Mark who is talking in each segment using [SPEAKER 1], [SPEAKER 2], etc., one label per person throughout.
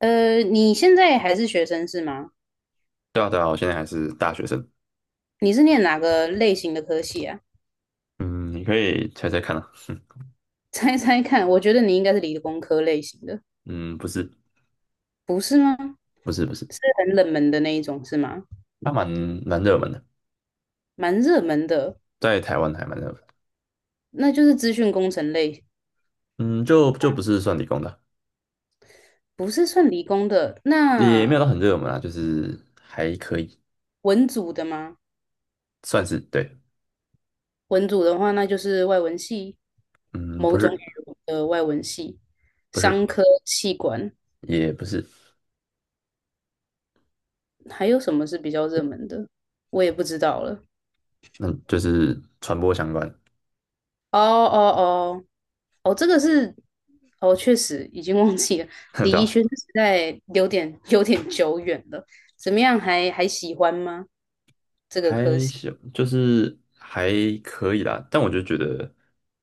[SPEAKER 1] 你现在还是学生是吗？
[SPEAKER 2] 对啊，对啊，我现在还是大学生。
[SPEAKER 1] 你是念哪个类型的科系啊？
[SPEAKER 2] 嗯，你可以猜猜看啊。
[SPEAKER 1] 猜猜看，我觉得你应该是理工科类型的，
[SPEAKER 2] 嗯，不是，
[SPEAKER 1] 不是吗？
[SPEAKER 2] 不是，不是，
[SPEAKER 1] 是很冷门的那一种是吗？
[SPEAKER 2] 它蛮热门的，
[SPEAKER 1] 蛮热门的，
[SPEAKER 2] 在台湾还蛮热门的。
[SPEAKER 1] 那就是资讯工程类，
[SPEAKER 2] 嗯，就不是算理工的，
[SPEAKER 1] 不是算理工的。
[SPEAKER 2] 也没有
[SPEAKER 1] 那
[SPEAKER 2] 到很热门啊，就是还可以，
[SPEAKER 1] 文组的吗？
[SPEAKER 2] 算是对。
[SPEAKER 1] 文组的话，那就是外文系，
[SPEAKER 2] 嗯，
[SPEAKER 1] 某
[SPEAKER 2] 不
[SPEAKER 1] 种
[SPEAKER 2] 是，
[SPEAKER 1] 语文的外文系，
[SPEAKER 2] 不是，
[SPEAKER 1] 商科、气管，
[SPEAKER 2] 也不是，
[SPEAKER 1] 还有什么是比较热门的？我也不知道了。
[SPEAKER 2] 嗯，就是传播相关，
[SPEAKER 1] 哦哦哦，哦，这个是，哦，确实已经忘记了，
[SPEAKER 2] 对
[SPEAKER 1] 李怡
[SPEAKER 2] 吧？
[SPEAKER 1] 轩时代有点久远了。怎么样还，还喜欢吗？这个科
[SPEAKER 2] 还
[SPEAKER 1] 系？
[SPEAKER 2] 行，就是还可以啦。但我就觉得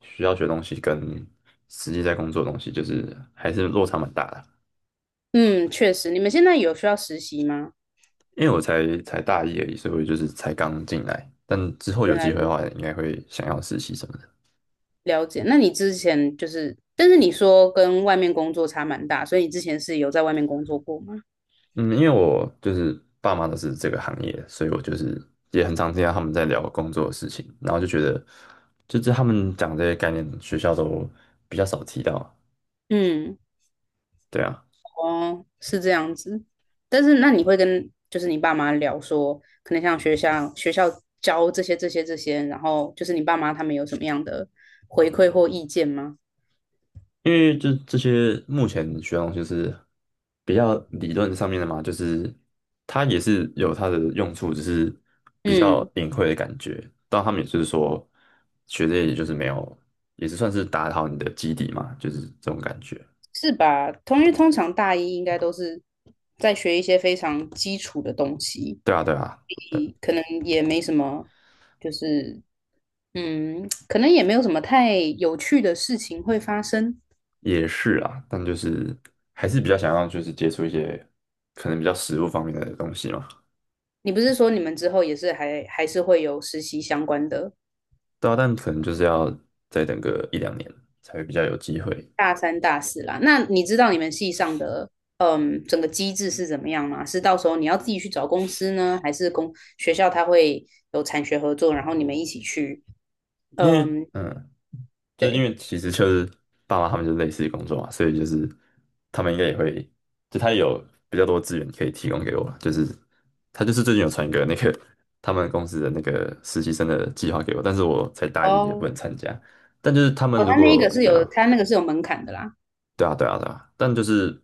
[SPEAKER 2] 需要学的东西跟实际在工作的东西，就是还是落差蛮大的。
[SPEAKER 1] 嗯，确实，你们现在有需要实习吗？
[SPEAKER 2] 因为我才大一而已，所以我就是才刚进来。但之后有
[SPEAKER 1] 原来
[SPEAKER 2] 机会的
[SPEAKER 1] 如
[SPEAKER 2] 话，
[SPEAKER 1] 此，
[SPEAKER 2] 应该会想要实习什么的。
[SPEAKER 1] 了解。那你之前就是，但是你说跟外面工作差蛮大，所以你之前是有在外面工作过吗？
[SPEAKER 2] 嗯，因为我就是爸妈都是这个行业的所以我就是也很常听到他们在聊工作的事情，然后就觉得，就是他们讲这些概念，学校都比较少提到。
[SPEAKER 1] 嗯。
[SPEAKER 2] 对啊，
[SPEAKER 1] 哦，是这样子。但是那你会跟就是你爸妈聊说，可能像学校教这些，然后就是你爸妈他们有什么样的回馈或意见吗？
[SPEAKER 2] 因为这些目前学用就是比较理论上面的嘛，就是它也是有它的用处，只是比较
[SPEAKER 1] 嗯，
[SPEAKER 2] 隐晦的感觉。他们也是说学这些也就是没有，也是算是打好你的基底嘛，就是这种感觉。
[SPEAKER 1] 是吧？通因为通常大一应该都是在学一些非常基础的东西，
[SPEAKER 2] 对啊，对啊，
[SPEAKER 1] 可能也没什么，就是嗯，可能也没有什么太有趣的事情会发生。
[SPEAKER 2] 也是啊，但就是还是比较想要就是接触一些可能比较实物方面的东西嘛。
[SPEAKER 1] 你不是说你们之后也是还还是会有实习相关的，
[SPEAKER 2] 对啊，但可能就是要再等个一两年才会比较有机会，
[SPEAKER 1] 大三、大四啦。那你知道你们系上的嗯整个机制是怎么样吗？是到时候你要自己去找公司呢，还是公学校它会有产学合作，然后你们一起去？
[SPEAKER 2] 因为
[SPEAKER 1] 嗯，
[SPEAKER 2] 嗯。就是因
[SPEAKER 1] 对，
[SPEAKER 2] 为其实就是爸妈他们就是类似的工作嘛，所以就是他们应该也会，就他也有比较多资源可以提供给我了。就是他就是最近有传一个那个他们公司的那个实习生的计划给我，但是我才大一也不
[SPEAKER 1] 哦，
[SPEAKER 2] 能参加。但就是他们
[SPEAKER 1] 哦，
[SPEAKER 2] 如
[SPEAKER 1] 他那
[SPEAKER 2] 果
[SPEAKER 1] 个是
[SPEAKER 2] 对
[SPEAKER 1] 有，
[SPEAKER 2] 啊，
[SPEAKER 1] 他那个是有门槛的啦，
[SPEAKER 2] 对啊，对啊，对啊，但就是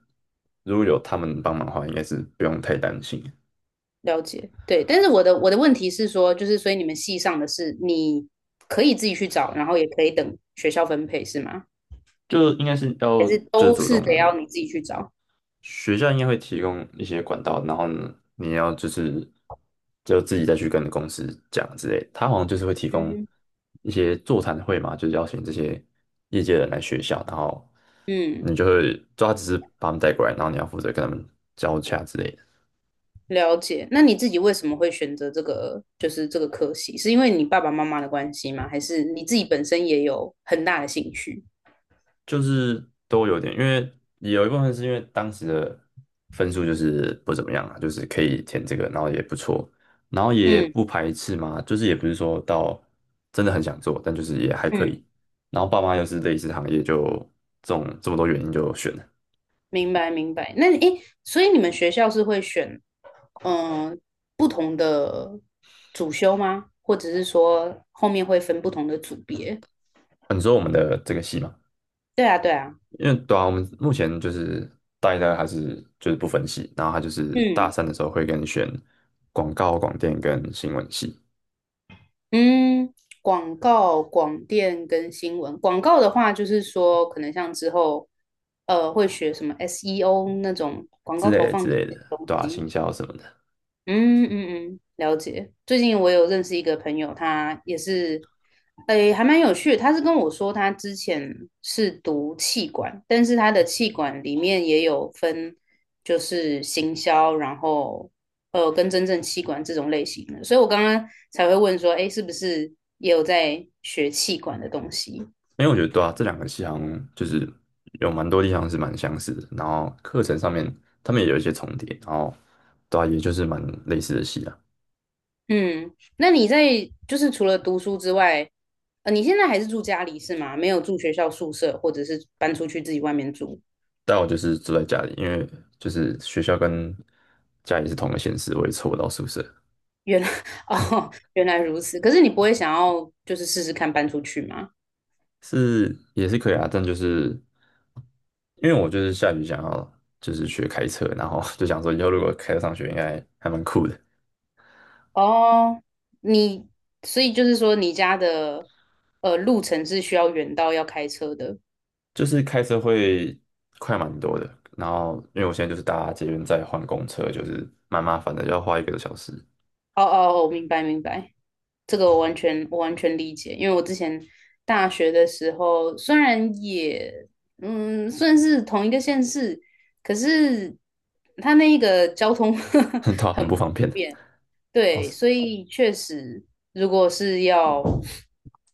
[SPEAKER 2] 如果有他们帮忙的话，应该是不用太担心，
[SPEAKER 1] 了解。对，但是我的问题是说，就是所以你们系上的是你可以自己去找，然后也可以等学校分配是吗？
[SPEAKER 2] 就应该是
[SPEAKER 1] 还
[SPEAKER 2] 要
[SPEAKER 1] 是
[SPEAKER 2] 就是
[SPEAKER 1] 都
[SPEAKER 2] 主
[SPEAKER 1] 是
[SPEAKER 2] 动
[SPEAKER 1] 得要你自己去找？
[SPEAKER 2] 学校应该会提供一些管道，然后呢，你要就是就自己再去跟公司讲之类的。他好像就是会提供
[SPEAKER 1] 嗯
[SPEAKER 2] 一些座谈会嘛，就是邀请这些业界人来学校，然后
[SPEAKER 1] 嗯。
[SPEAKER 2] 你就会抓他只是把他们带过来，然后你要负责跟他们交洽之类的。
[SPEAKER 1] 了解。那你自己为什么会选择这个，就是这个科系？是因为你爸爸妈妈的关系吗？还是你自己本身也有很大的兴趣？
[SPEAKER 2] 就是都有点，因为有一部分是因为当时的分数就是不怎么样啊，就是可以填这个，然后也不错，然后也
[SPEAKER 1] 嗯
[SPEAKER 2] 不排斥嘛，就是也不是说到真的很想做，但就是也还可
[SPEAKER 1] 嗯，
[SPEAKER 2] 以。然后爸妈又是类似行业，就这种这么多原因就选了。
[SPEAKER 1] 明白明白。那你诶，所以你们学校是会选嗯、呃不同的主修吗？或者是说后面会分不同的组别？
[SPEAKER 2] 啊你说我们的这个系嘛，
[SPEAKER 1] 对啊对啊，
[SPEAKER 2] 因为对啊，我们目前就是大一、大二还是就是不分系，然后他就是大
[SPEAKER 1] 嗯
[SPEAKER 2] 三的时候会跟你选广告、广电跟新闻系
[SPEAKER 1] 嗯，广告、广电跟新闻。广告的话，就是说，可能像之后，会学什么 SEO 那种广
[SPEAKER 2] 之
[SPEAKER 1] 告
[SPEAKER 2] 类
[SPEAKER 1] 投
[SPEAKER 2] 的之
[SPEAKER 1] 放这
[SPEAKER 2] 类
[SPEAKER 1] 些
[SPEAKER 2] 的，
[SPEAKER 1] 东
[SPEAKER 2] 对啊，
[SPEAKER 1] 西。
[SPEAKER 2] 行销什么的。
[SPEAKER 1] 嗯嗯嗯，了解。最近我有认识一个朋友，他也是，诶，还蛮有趣的。他是跟我说，他之前是读气管，但是他的气管里面也有分，就是行销，然后跟真正气管这种类型的。所以我刚刚才会问说，诶，是不是也有在学气管的东西？
[SPEAKER 2] 因为我觉得对啊，这两个系好像就是有蛮多地方是蛮相似的，然后课程上面他们也有一些重叠，然后对啊，也就是蛮类似的系啊。
[SPEAKER 1] 嗯，那你在就是除了读书之外，你现在还是住家里是吗？没有住学校宿舍，或者是搬出去自己外面住？
[SPEAKER 2] 但我就是住在家里，因为就是学校跟家里是同个县市，我也凑不到宿舍，
[SPEAKER 1] 原来 哦，原来如此。可是你不会想要就是试试看搬出去吗？
[SPEAKER 2] 是也是可以啊，但就是因为我就是下雨想要就是学开车，然后就想说以后如果开车上学应该还蛮酷的。
[SPEAKER 1] 哦，你所以就是说你家的路程是需要远到要开车的。
[SPEAKER 2] 就是开车会快蛮多的，然后因为我现在就是搭捷运再换公车，就是蛮麻烦的，要花一个多小时，
[SPEAKER 1] 哦哦，我明白明白，这个我完全理解，因为我之前大学的时候虽然也嗯算是同一个县市，可是它那个交通 很
[SPEAKER 2] 很
[SPEAKER 1] 不
[SPEAKER 2] 不方便
[SPEAKER 1] 方
[SPEAKER 2] 的。
[SPEAKER 1] 便。
[SPEAKER 2] 哦，
[SPEAKER 1] 对，
[SPEAKER 2] 是
[SPEAKER 1] 所以确实，如果是要，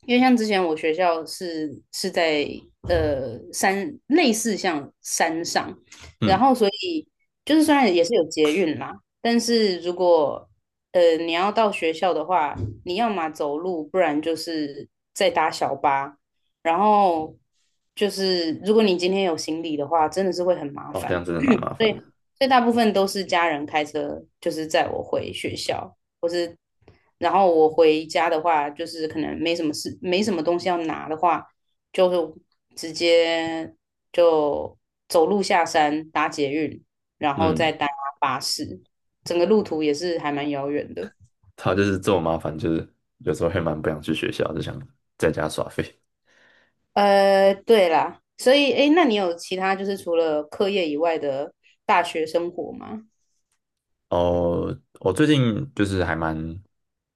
[SPEAKER 1] 因为像之前我学校是在山，类似像山上，然
[SPEAKER 2] 嗯，
[SPEAKER 1] 后所以就是虽然也是有捷运啦，但是如果你要到学校的话，你要么走路，不然就是再搭小巴，然后就是如果你今天有行李的话，真的是会很麻
[SPEAKER 2] 哦，这
[SPEAKER 1] 烦。
[SPEAKER 2] 样真的蛮麻
[SPEAKER 1] 所
[SPEAKER 2] 烦
[SPEAKER 1] 以，
[SPEAKER 2] 的。
[SPEAKER 1] 所以大部分都是家人开车，就是载我回学校，或是然后我回家的话，就是可能没什么事，没什么东西要拿的话，就是直接就走路下山搭捷运，然后再
[SPEAKER 2] 嗯，
[SPEAKER 1] 搭巴士，整个路途也是还蛮遥远的。
[SPEAKER 2] 他就是这么麻烦，就是有时候会蛮不想去学校，就想在家耍废。
[SPEAKER 1] 对啦，所以诶，那你有其他就是除了课业以外的大学生活吗？
[SPEAKER 2] 哦，我最近就是还蛮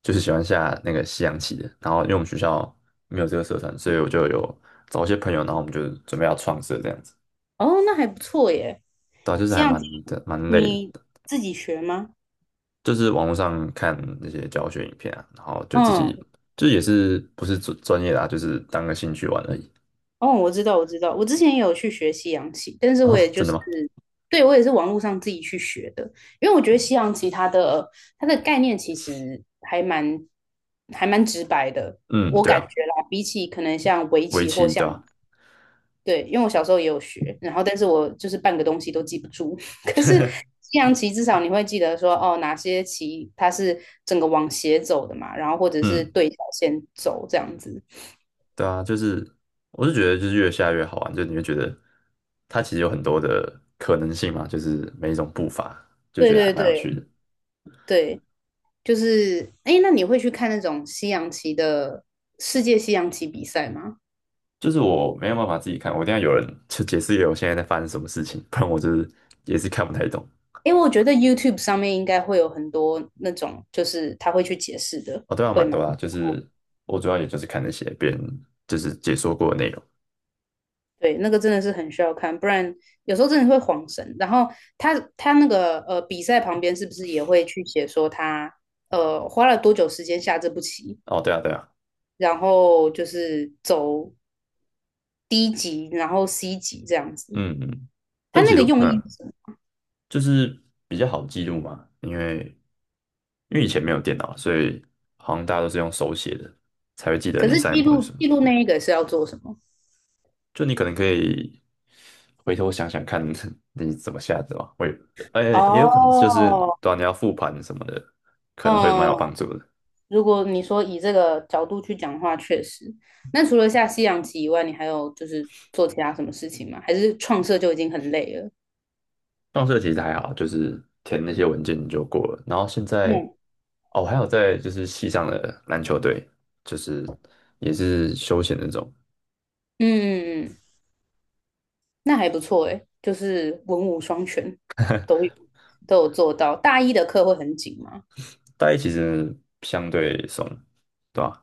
[SPEAKER 2] 就是喜欢下那个西洋棋的，然后因为我们学校没有这个社团，所以我就有找一些朋友，然后我们就准备要创社这样子。
[SPEAKER 1] 哦，那还不错耶。
[SPEAKER 2] 对啊就是
[SPEAKER 1] 西
[SPEAKER 2] 还
[SPEAKER 1] 洋棋
[SPEAKER 2] 蛮的蛮累
[SPEAKER 1] 你
[SPEAKER 2] 的。
[SPEAKER 1] 自己学吗？
[SPEAKER 2] 就是网络上看那些教学影片啊，然后就自
[SPEAKER 1] 嗯，
[SPEAKER 2] 己就也是不是专业的啊，就是当个兴趣玩而已。
[SPEAKER 1] 哦，我知道，我知道，我之前也有去学西洋棋，但是我
[SPEAKER 2] 哦，
[SPEAKER 1] 也就
[SPEAKER 2] 真
[SPEAKER 1] 是，
[SPEAKER 2] 的吗？
[SPEAKER 1] 对，我也是网络上自己去学的，因为我觉得西洋棋它的它的概念其实还蛮直白的，
[SPEAKER 2] 嗯，
[SPEAKER 1] 我
[SPEAKER 2] 对
[SPEAKER 1] 感觉
[SPEAKER 2] 啊，
[SPEAKER 1] 啦，比起可能像围
[SPEAKER 2] 围
[SPEAKER 1] 棋或
[SPEAKER 2] 棋对
[SPEAKER 1] 像。
[SPEAKER 2] 吧？
[SPEAKER 1] 对，因为我小时候也有学，然后但是我就是半个东西都记不住。可是西洋棋至少你会记得说，哦，哪些棋它是整个往斜走的嘛，然后或者是
[SPEAKER 2] 嗯，
[SPEAKER 1] 对角线走这样子。
[SPEAKER 2] 对啊，就是我是觉得就是越下越好玩，就你会觉得它其实有很多的可能性嘛，就是每一种步伐就
[SPEAKER 1] 对
[SPEAKER 2] 觉得还
[SPEAKER 1] 对
[SPEAKER 2] 蛮有趣
[SPEAKER 1] 对，
[SPEAKER 2] 的。
[SPEAKER 1] 对，就是哎，那你会去看那种西洋棋的世界西洋棋比赛吗？
[SPEAKER 2] 就是我没有办法自己看，我一定要有人去解释给我现在在发生什么事情，不然我就是也是看不太懂。
[SPEAKER 1] 因为我觉得 YouTube 上面应该会有很多那种，就是他会去解释的，
[SPEAKER 2] 哦，对啊，
[SPEAKER 1] 会
[SPEAKER 2] 蛮
[SPEAKER 1] 吗？
[SPEAKER 2] 多啦，就是我主要也就是看那些别人就是解说过的内容。
[SPEAKER 1] 对，那个真的是很需要看，不然有时候真的会晃神。然后他他那个比赛旁边是不是也会去写说他花了多久时间下这步棋，
[SPEAKER 2] 哦，对啊，对啊，
[SPEAKER 1] 然后就是走 D 级，然后 C 级这样子。
[SPEAKER 2] 嗯嗯，
[SPEAKER 1] 他
[SPEAKER 2] 但
[SPEAKER 1] 那
[SPEAKER 2] 其
[SPEAKER 1] 个
[SPEAKER 2] 实
[SPEAKER 1] 用意是
[SPEAKER 2] 嗯，
[SPEAKER 1] 什么，
[SPEAKER 2] 就是比较好记录嘛，因为因为以前没有电脑，所以好像大家都是用手写的，才会记得
[SPEAKER 1] 可
[SPEAKER 2] 你
[SPEAKER 1] 是
[SPEAKER 2] 上一
[SPEAKER 1] 记
[SPEAKER 2] 步是什
[SPEAKER 1] 录
[SPEAKER 2] 么。
[SPEAKER 1] 记录那一个是要做什么？
[SPEAKER 2] 就你可能可以回头想想看 你怎么下的吧，会，哎，也有可能就是，
[SPEAKER 1] 哦，
[SPEAKER 2] 对啊，你要复盘什么的，可能会蛮有
[SPEAKER 1] 嗯，
[SPEAKER 2] 帮助的。
[SPEAKER 1] 如果你说以这个角度去讲的话，确实。那除了下西洋棋以外，你还有就是做其他什么事情吗？还是创设就已经很累了？
[SPEAKER 2] 上色其实还好，就是填那些文件就过了。然后现在，
[SPEAKER 1] 嗯。
[SPEAKER 2] 哦，我还有在就是系上的篮球队，就是也是休闲那种。
[SPEAKER 1] 嗯，嗯嗯嗯，那还不错诶，就是文武双全，都有都有做到。大一的课会很紧吗？
[SPEAKER 2] 大一其实相对松，对吧？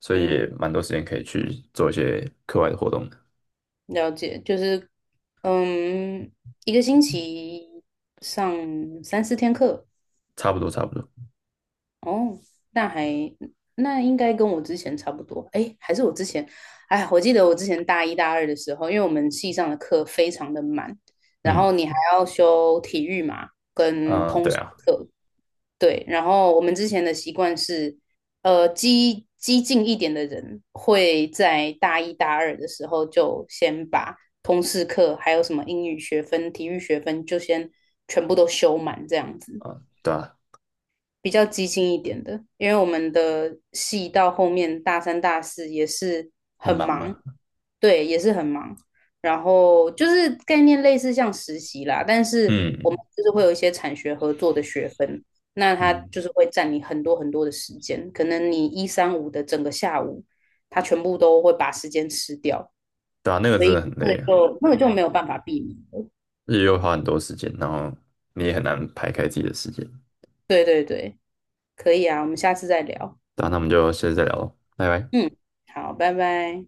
[SPEAKER 2] 所以也
[SPEAKER 1] 嗯，
[SPEAKER 2] 蛮多时间可以去做一些课外的活动的，
[SPEAKER 1] 了解，就是嗯，一个星期上三四天课，
[SPEAKER 2] 差不多差不多。
[SPEAKER 1] 哦，那还，那应该跟我之前差不多。诶，还是我之前，哎，我记得我之前大一大二的时候，因为我们系上的课非常的满，然后
[SPEAKER 2] 嗯，
[SPEAKER 1] 你还要修体育嘛，跟
[SPEAKER 2] 啊、
[SPEAKER 1] 通
[SPEAKER 2] 对
[SPEAKER 1] 识
[SPEAKER 2] 啊，
[SPEAKER 1] 课。对，然后我们之前的习惯是，激进一点的人会在大一大二的时候就先把通识课，还有什么英语学分、体育学分，就先全部都修满，这样子，
[SPEAKER 2] 啊、对啊，
[SPEAKER 1] 比较激进一点的。因为我们的系到后面大三、大四也是
[SPEAKER 2] 很
[SPEAKER 1] 很
[SPEAKER 2] 忙
[SPEAKER 1] 忙，
[SPEAKER 2] 吗？
[SPEAKER 1] 对，也是很忙。然后就是概念类似像实习啦，但是我们
[SPEAKER 2] 嗯
[SPEAKER 1] 就是会有一些产学合作的学分，那它
[SPEAKER 2] 嗯，
[SPEAKER 1] 就是会占你很多的时间，可能你一三五的整个下午，它全部都会把时间吃掉，
[SPEAKER 2] 对啊，那个
[SPEAKER 1] 所
[SPEAKER 2] 真
[SPEAKER 1] 以
[SPEAKER 2] 的很
[SPEAKER 1] 那个
[SPEAKER 2] 累啊，
[SPEAKER 1] 就那个就没有办法避免了。
[SPEAKER 2] 日又花很多时间，然后你也很难排开自己的时间。
[SPEAKER 1] 对对对，可以啊，我们下次再聊。
[SPEAKER 2] 对啊，那我们就下次再聊喽，拜拜。
[SPEAKER 1] 嗯，好，拜拜。